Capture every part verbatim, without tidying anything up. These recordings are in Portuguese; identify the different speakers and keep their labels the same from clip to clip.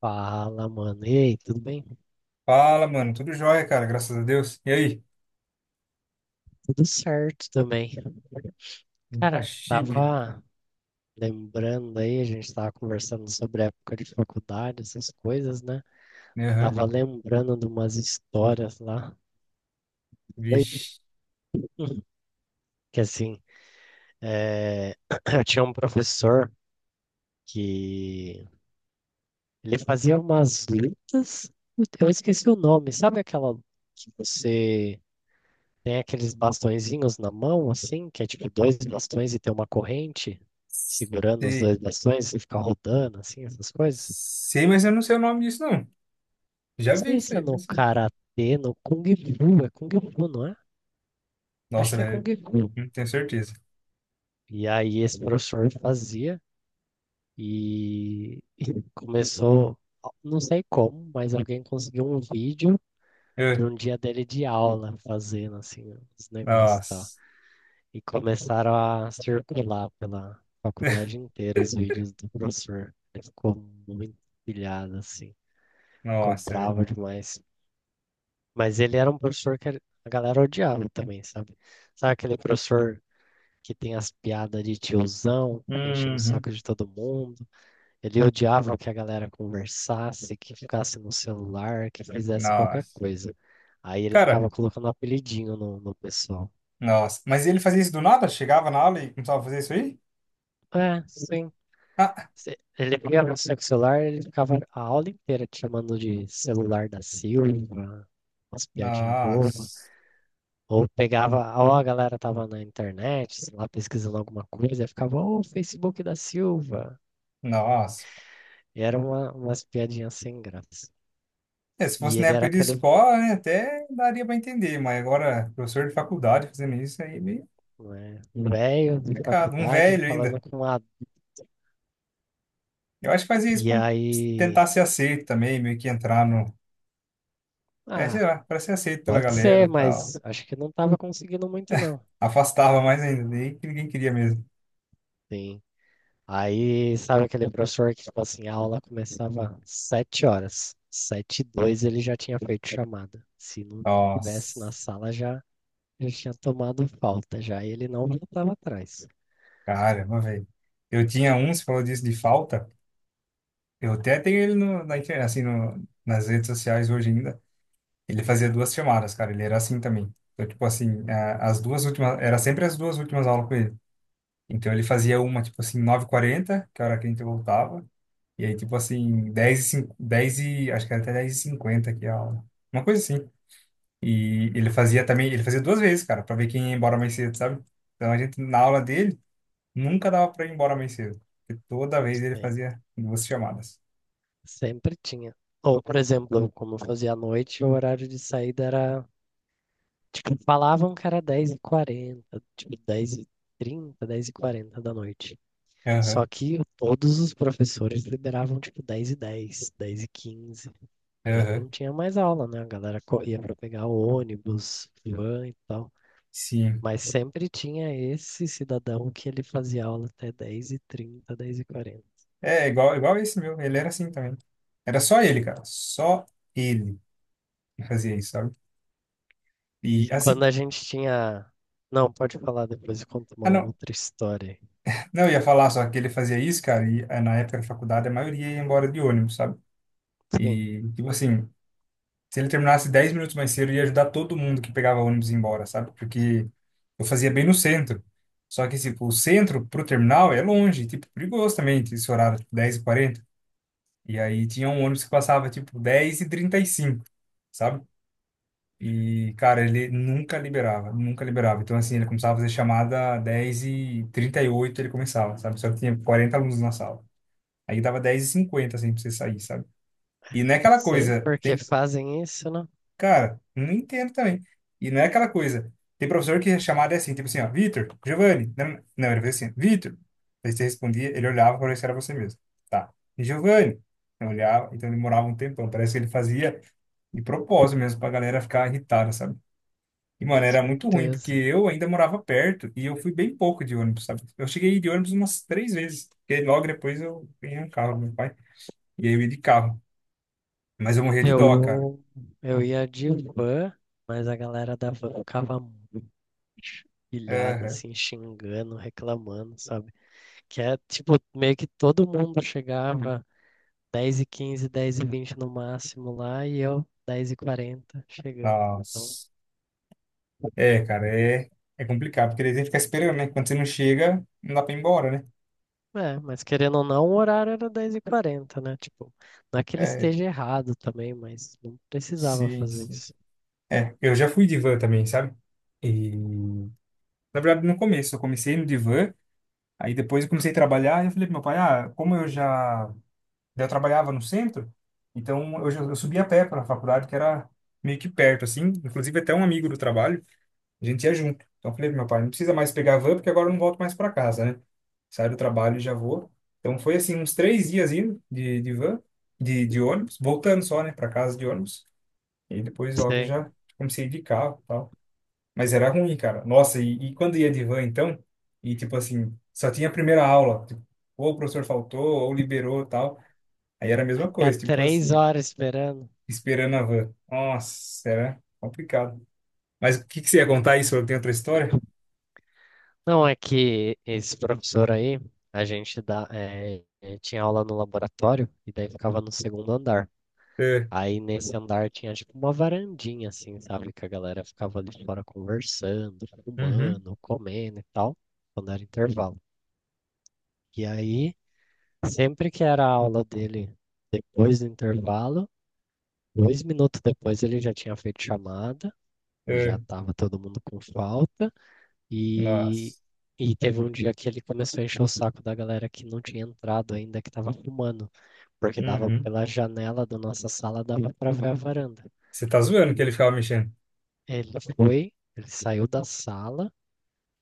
Speaker 1: Fala, mano. E aí, tudo bem?
Speaker 2: Fala, mano. Tudo jóia, cara. Graças a Deus. E aí?
Speaker 1: Tudo certo também.
Speaker 2: Tá
Speaker 1: Cara,
Speaker 2: chique.
Speaker 1: tava lembrando aí, a gente tava conversando sobre a época de faculdade, essas coisas, né?
Speaker 2: Aham.
Speaker 1: Tava lembrando de umas histórias lá. Doido.
Speaker 2: Vixe.
Speaker 1: Que assim, é, eu tinha um professor que ele fazia umas lutas, eu esqueci o nome, sabe aquela que você Tem aqueles bastõezinhos na mão, assim, que é tipo dois bastões e tem uma corrente segurando os
Speaker 2: Sei.
Speaker 1: dois bastões e fica rodando, assim, essas coisas.
Speaker 2: Sei, mas eu não sei o nome disso, não. Já
Speaker 1: Não
Speaker 2: vi
Speaker 1: sei
Speaker 2: isso
Speaker 1: se é
Speaker 2: aí,
Speaker 1: no
Speaker 2: mas.
Speaker 1: karatê, no Kung Fu, é Kung Fu, não é? Acho
Speaker 2: Nossa,
Speaker 1: que é Kung
Speaker 2: velho.
Speaker 1: Fu.
Speaker 2: Não tenho certeza.
Speaker 1: E aí esse professor fazia e, e começou, não sei como, mas alguém conseguiu um vídeo de
Speaker 2: Eh,
Speaker 1: um dia dele de aula fazendo, assim, os negócios e tal.
Speaker 2: Nossa.
Speaker 1: E começaram a circular pela faculdade inteira os vídeos do professor. Ele ficou muito pilhado, assim, ficou
Speaker 2: Nossa, velho.
Speaker 1: bravo demais. Mas ele era um professor que a galera odiava também, sabe? Sabe aquele professor que tem as piadas de tiozão, enchendo o
Speaker 2: Uhum.
Speaker 1: saco de todo mundo? Ele odiava que a galera conversasse, que ficasse no celular, que fizesse qualquer
Speaker 2: Nossa.
Speaker 1: coisa. Aí ele
Speaker 2: Cara,
Speaker 1: ficava colocando um apelidinho no, no pessoal.
Speaker 2: nossa. Mas ele fazia isso do nada? Chegava na aula e começava a fazer isso aí?
Speaker 1: É, sim.
Speaker 2: Ah,
Speaker 1: Cê- Ele pegava no seu celular, ele ficava a aula inteira te chamando de celular da Silva, umas piadinhas bobas.
Speaker 2: nossa.
Speaker 1: Ou pegava, ou a galera tava na internet, sei lá, pesquisando alguma coisa, e ficava, ô, Facebook da Silva.
Speaker 2: Nossa.
Speaker 1: E era uma, umas piadinhas sem graça.
Speaker 2: É, se
Speaker 1: E
Speaker 2: fosse na
Speaker 1: ele era
Speaker 2: época de
Speaker 1: aquele,
Speaker 2: escola, né, até daria para entender, mas agora, professor de faculdade fazendo isso aí é meio
Speaker 1: né, velho de
Speaker 2: complicado. Um
Speaker 1: faculdade
Speaker 2: velho
Speaker 1: falando
Speaker 2: ainda.
Speaker 1: com a.
Speaker 2: Eu acho que fazia isso
Speaker 1: E
Speaker 2: para
Speaker 1: aí,
Speaker 2: tentar ser aceito também, meio que entrar no. É, sei
Speaker 1: ah,
Speaker 2: lá, para ser aceito pela
Speaker 1: pode
Speaker 2: galera
Speaker 1: ser,
Speaker 2: e tal.
Speaker 1: mas acho que não tava conseguindo muito, não.
Speaker 2: Afastava mais ainda, daí que ninguém queria mesmo.
Speaker 1: Sim. Aí, sabe aquele professor que, tipo assim, a aula começava sete horas. Sete e dois ele já tinha feito chamada. Se não tivesse na
Speaker 2: Nossa,
Speaker 1: sala, já, já tinha tomado falta, já. E ele não voltava atrás.
Speaker 2: caramba, velho. Eu tinha um, você falou disso de falta. Eu até tenho ele no, na internet, assim, no, nas redes sociais hoje ainda. Ele fazia duas chamadas, cara. Ele era assim também. Então, tipo assim, a- as duas últimas, era sempre as duas últimas aulas com ele. Então ele fazia uma, tipo assim, nove e quarenta que era a hora que a gente voltava. E aí, tipo assim, dez e, cinco, dez e acho que era até dez e cinquenta que a aula. Uma coisa assim. E ele fazia também, ele fazia duas vezes, cara, pra ver quem ia embora mais cedo, sabe? Então a gente, na aula dele, nunca dava pra ir embora mais cedo. Porque toda vez ele
Speaker 1: Sim.
Speaker 2: fazia duas chamadas.
Speaker 1: Sempre tinha. Ou, por exemplo, como eu fazia à noite, o horário de saída era, tipo, falavam que era dez e quarenta, tipo, dez e trinta, dez e quarenta da noite.
Speaker 2: Aham,
Speaker 1: Só que todos os professores liberavam, tipo, dez e dez, dez e quinze. Já
Speaker 2: aham,
Speaker 1: não tinha mais aula, né? A galera corria para pegar ônibus, van e tal.
Speaker 2: sim.
Speaker 1: Mas sempre tinha esse cidadão que ele fazia aula até dez e trinta dez e quarenta.
Speaker 2: É, igual, igual esse meu, ele era assim também. Era só ele, cara, só ele que fazia isso, sabe? E
Speaker 1: E
Speaker 2: assim,
Speaker 1: quando a gente tinha. Não, pode falar depois, eu conto
Speaker 2: ah,
Speaker 1: uma
Speaker 2: não.
Speaker 1: outra história.
Speaker 2: Não, eu ia falar só que ele fazia isso, cara, e eh, na época da faculdade a maioria ia embora de ônibus, sabe?
Speaker 1: Sim,
Speaker 2: E, tipo assim, se ele terminasse dez minutos mais cedo, ia ajudar todo mundo que pegava ônibus a ir embora, sabe? Porque eu fazia bem no centro. Só que, tipo, o centro pro terminal é longe, tipo, perigoso também, tinha esse horário, tipo, dez e quarenta. E quarenta. E aí tinha um ônibus que passava, tipo, dez e trinta e cinco, sabe? E, cara, ele nunca liberava, nunca liberava. Então, assim, ele começava a fazer chamada dez e trinta e oito ele começava, sabe? Só que tinha quarenta alunos na sala. Aí dava dez e cinquenta, assim, pra você sair, sabe? E não é
Speaker 1: não
Speaker 2: aquela
Speaker 1: sei
Speaker 2: coisa,
Speaker 1: por que
Speaker 2: tem,
Speaker 1: fazem isso, né?
Speaker 2: cara, não entendo também. E não é aquela coisa, tem professor que a chamada é assim, tipo assim, ó, Vitor, Giovanni, não, não, ele fazia assim, Vitor. Aí você respondia, ele olhava para ver se era você mesmo. Tá. E Giovanni, eu olhava, então demorava um tempão, parece que ele fazia de propósito mesmo, pra galera ficar irritada, sabe? E,
Speaker 1: Com
Speaker 2: mano, era muito ruim, porque
Speaker 1: certeza.
Speaker 2: eu ainda morava perto e eu fui bem pouco de ônibus, sabe? Eu cheguei de ônibus umas três vezes, porque logo depois eu ganhei um carro do meu pai, e aí eu ia de carro. Mas eu morria de dó, cara.
Speaker 1: Eu, eu ia de van, mas a galera da van ficava pilhada,
Speaker 2: Aham.
Speaker 1: assim, xingando, reclamando, sabe? Que é, tipo, meio que todo mundo chegava dez e quinze, dez e vinte no máximo lá e eu dez e quarenta chegando. Então,
Speaker 2: Nossa. É, cara, é, é complicado, porque daí tem que ficar esperando, né? Quando você não chega, não dá pra ir embora, né?
Speaker 1: é, mas querendo ou não, o horário era dez e quarenta, né? Tipo, não é que ele
Speaker 2: É,
Speaker 1: esteja errado também, mas não precisava
Speaker 2: sim,
Speaker 1: fazer
Speaker 2: sim.
Speaker 1: isso.
Speaker 2: É, eu já fui de van também, sabe? E, na verdade, no começo, eu comecei no divã, aí depois eu comecei a trabalhar, e eu falei pro meu pai, ah, como eu já, já trabalhava no centro, então eu, já, eu subia a pé para a faculdade, que era meio que perto, assim, inclusive até um amigo do trabalho, a gente ia junto. Então eu falei pro meu pai, não precisa mais pegar a van, porque agora eu não volto mais para casa, né? Saio do trabalho e já vou. Então foi assim, uns três dias indo de, de van, de, de ônibus, voltando só, né, para casa de ônibus. E depois logo
Speaker 1: Você
Speaker 2: já comecei de carro e tal. Mas era ruim, cara. Nossa, e, e quando ia de van, então, e tipo assim, só tinha a primeira aula. Tipo, ou o professor faltou, ou liberou e tal. Aí era a mesma
Speaker 1: ficar
Speaker 2: coisa, tipo
Speaker 1: três
Speaker 2: assim,
Speaker 1: horas esperando.
Speaker 2: esperando a van. Nossa, era complicado. Mas o que que você ia contar isso? Eu tenho outra história?
Speaker 1: Não é que esse professor aí, a gente dá, é, é, tinha aula no laboratório e daí ficava no segundo andar.
Speaker 2: É.
Speaker 1: Aí nesse andar tinha tipo uma varandinha, assim, sabe? Que a galera ficava ali fora conversando,
Speaker 2: Uhum.
Speaker 1: fumando, comendo e tal, quando era intervalo. E aí, sempre que era a aula dele depois do intervalo, dois minutos depois ele já tinha feito chamada, e já
Speaker 2: É.
Speaker 1: tava todo mundo com falta. E,
Speaker 2: Nossa.
Speaker 1: e teve um dia que ele começou a encher o saco da galera que não tinha entrado ainda, que tava fumando, porque dava
Speaker 2: Uhum.
Speaker 1: pela janela da nossa sala, dava pra ver a varanda.
Speaker 2: Você tá zoando que ele ficava mexendo?
Speaker 1: Ele foi, ele saiu da sala,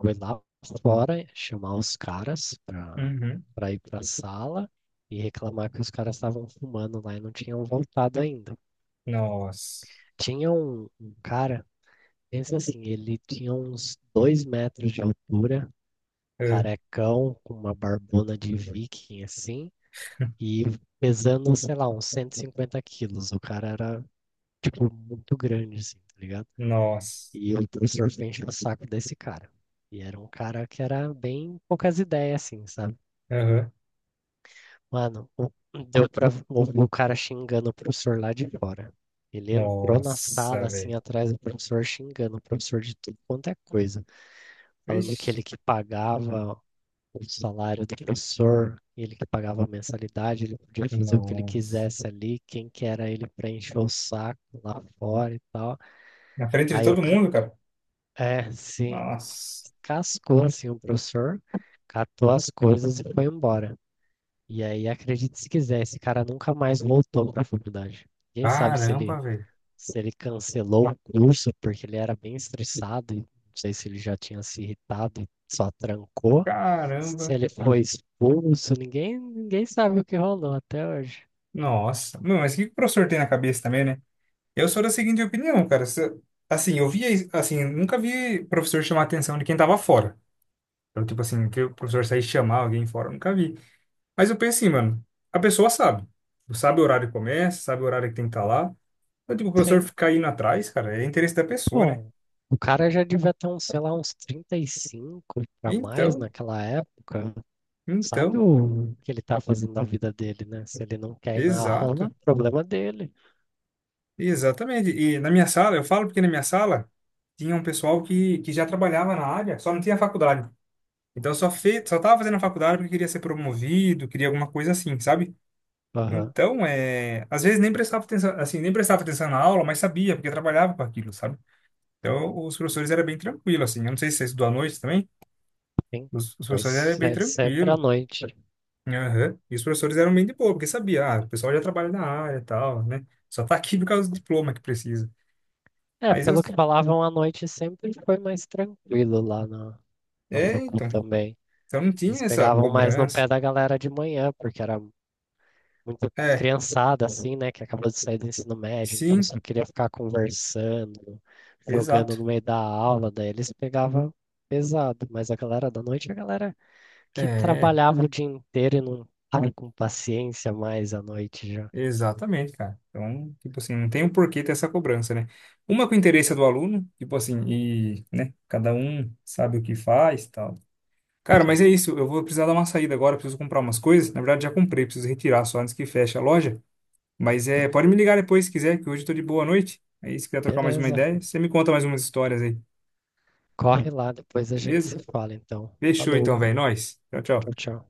Speaker 1: foi lá fora chamar os caras pra,
Speaker 2: Uhum.
Speaker 1: pra ir pra sala e reclamar que os caras estavam fumando lá e não tinham voltado ainda.
Speaker 2: Nossa.
Speaker 1: Tinha um, um cara, pensa assim, ele tinha uns dois metros de altura,
Speaker 2: É.
Speaker 1: carecão, com uma barbona de viking assim, e pesando, sei lá, uns cento e cinquenta quilos. O cara era, tipo, muito grande, assim, tá ligado?
Speaker 2: Nossa.
Speaker 1: E o professor sempre enchendo o saco desse cara. E era um cara que era bem poucas ideias, assim, sabe?
Speaker 2: Aham.
Speaker 1: Mano, o- deu pra ouvir o cara xingando o professor lá de fora. Ele entrou na
Speaker 2: Nossa,
Speaker 1: sala,
Speaker 2: velho.
Speaker 1: assim, atrás do professor, xingando o professor de tudo quanto é coisa. Falando que
Speaker 2: Vixe.
Speaker 1: ele que pagava o salário do professor, ele que pagava a mensalidade, ele podia fazer o que ele
Speaker 2: Nossa.
Speaker 1: quisesse ali, quem que era ele pra encher o saco lá fora e tal.
Speaker 2: Na frente de
Speaker 1: Aí eu,
Speaker 2: todo
Speaker 1: ca-
Speaker 2: mundo, cara.
Speaker 1: é, sim.
Speaker 2: Nossa.
Speaker 1: Cascou assim o professor, catou as coisas e foi embora. E aí, acredite se quiser, esse cara nunca mais voltou para a faculdade. Ninguém sabe se ele
Speaker 2: Caramba, velho.
Speaker 1: se ele cancelou o curso porque ele era bem estressado, e não sei se ele já tinha se irritado e só trancou, se
Speaker 2: Caramba.
Speaker 1: ele foi expulso, ninguém ninguém sabe o que rolou até hoje.
Speaker 2: Nossa. Meu, mas o que que o professor tem na cabeça também, né? Eu sou da seguinte opinião, cara. Se- assim, eu via, isso- assim, nunca vi professor chamar a atenção de quem tava fora. Então, tipo assim, que o professor sair chamar alguém fora, eu nunca vi. Mas eu pensei, mano, a pessoa sabe. Sabe o horário que começa, sabe o horário que tem que estar lá. Então, tipo, o professor
Speaker 1: Sim,
Speaker 2: ficar indo atrás, cara, é interesse da pessoa, né?
Speaker 1: bom. O cara já devia ter uns, sei lá, uns trinta e cinco para mais
Speaker 2: Então,
Speaker 1: naquela época. Sabe
Speaker 2: então,
Speaker 1: o que ele tá fazendo na vida dele, né? Se ele não quer ir na
Speaker 2: exato,
Speaker 1: aula, problema dele.
Speaker 2: exatamente. E na minha sala, eu falo porque na minha sala tinha um pessoal que, que já trabalhava na área, só não tinha faculdade. Então, só fez, só tava fazendo a faculdade porque queria ser promovido, queria alguma coisa assim, sabe?
Speaker 1: Aham,
Speaker 2: Então, é, às vezes nem prestava atenção, assim, nem prestava atenção na aula, mas sabia, porque trabalhava com aquilo, sabe? Então, os professores eram bem tranquilos, assim. Eu não sei se você estudou à noite também.
Speaker 1: sim.
Speaker 2: Os, os professores eram
Speaker 1: Pois
Speaker 2: bem
Speaker 1: é sempre à
Speaker 2: tranquilos.
Speaker 1: noite.
Speaker 2: Aham. E os professores eram bem de boa, porque sabia, ah, o pessoal já trabalha na área e tal, né? Só tá aqui por causa do diploma que precisa.
Speaker 1: É,
Speaker 2: Mas eu.
Speaker 1: pelo que falavam, à noite sempre foi mais tranquilo lá na, na
Speaker 2: É,
Speaker 1: Procon
Speaker 2: então.
Speaker 1: também.
Speaker 2: Então não tinha
Speaker 1: Eles
Speaker 2: essa
Speaker 1: pegavam mais no
Speaker 2: cobrança.
Speaker 1: pé da galera de manhã, porque era muito
Speaker 2: É,
Speaker 1: criançada, assim, né? Que acabou de sair do ensino médio, então
Speaker 2: sim,
Speaker 1: só queria ficar conversando,
Speaker 2: exato.
Speaker 1: jogando no meio da aula, daí eles pegavam pesado. Mas a galera da noite, a galera que
Speaker 2: É,
Speaker 1: trabalhava o dia inteiro e não tava com paciência mais à noite já.
Speaker 2: exatamente, cara. Então, tipo assim, não tem o porquê ter essa cobrança, né? Uma com o interesse do aluno, tipo assim, e, né, cada um sabe o que faz, tal. Cara, mas é
Speaker 1: Sim,
Speaker 2: isso. Eu vou precisar dar uma saída agora. Preciso comprar umas coisas. Na verdade, já comprei. Preciso retirar só antes que feche a loja. Mas é, pode me ligar depois se quiser, que hoje eu tô de boa noite. Aí, se quiser trocar mais uma
Speaker 1: beleza.
Speaker 2: ideia, você me conta mais umas histórias aí.
Speaker 1: Corre lá, depois a gente se
Speaker 2: Beleza?
Speaker 1: fala, então.
Speaker 2: Fechou
Speaker 1: Falou.
Speaker 2: então, velho. Nós. Tchau,
Speaker 1: Tchau,
Speaker 2: tchau.
Speaker 1: tchau.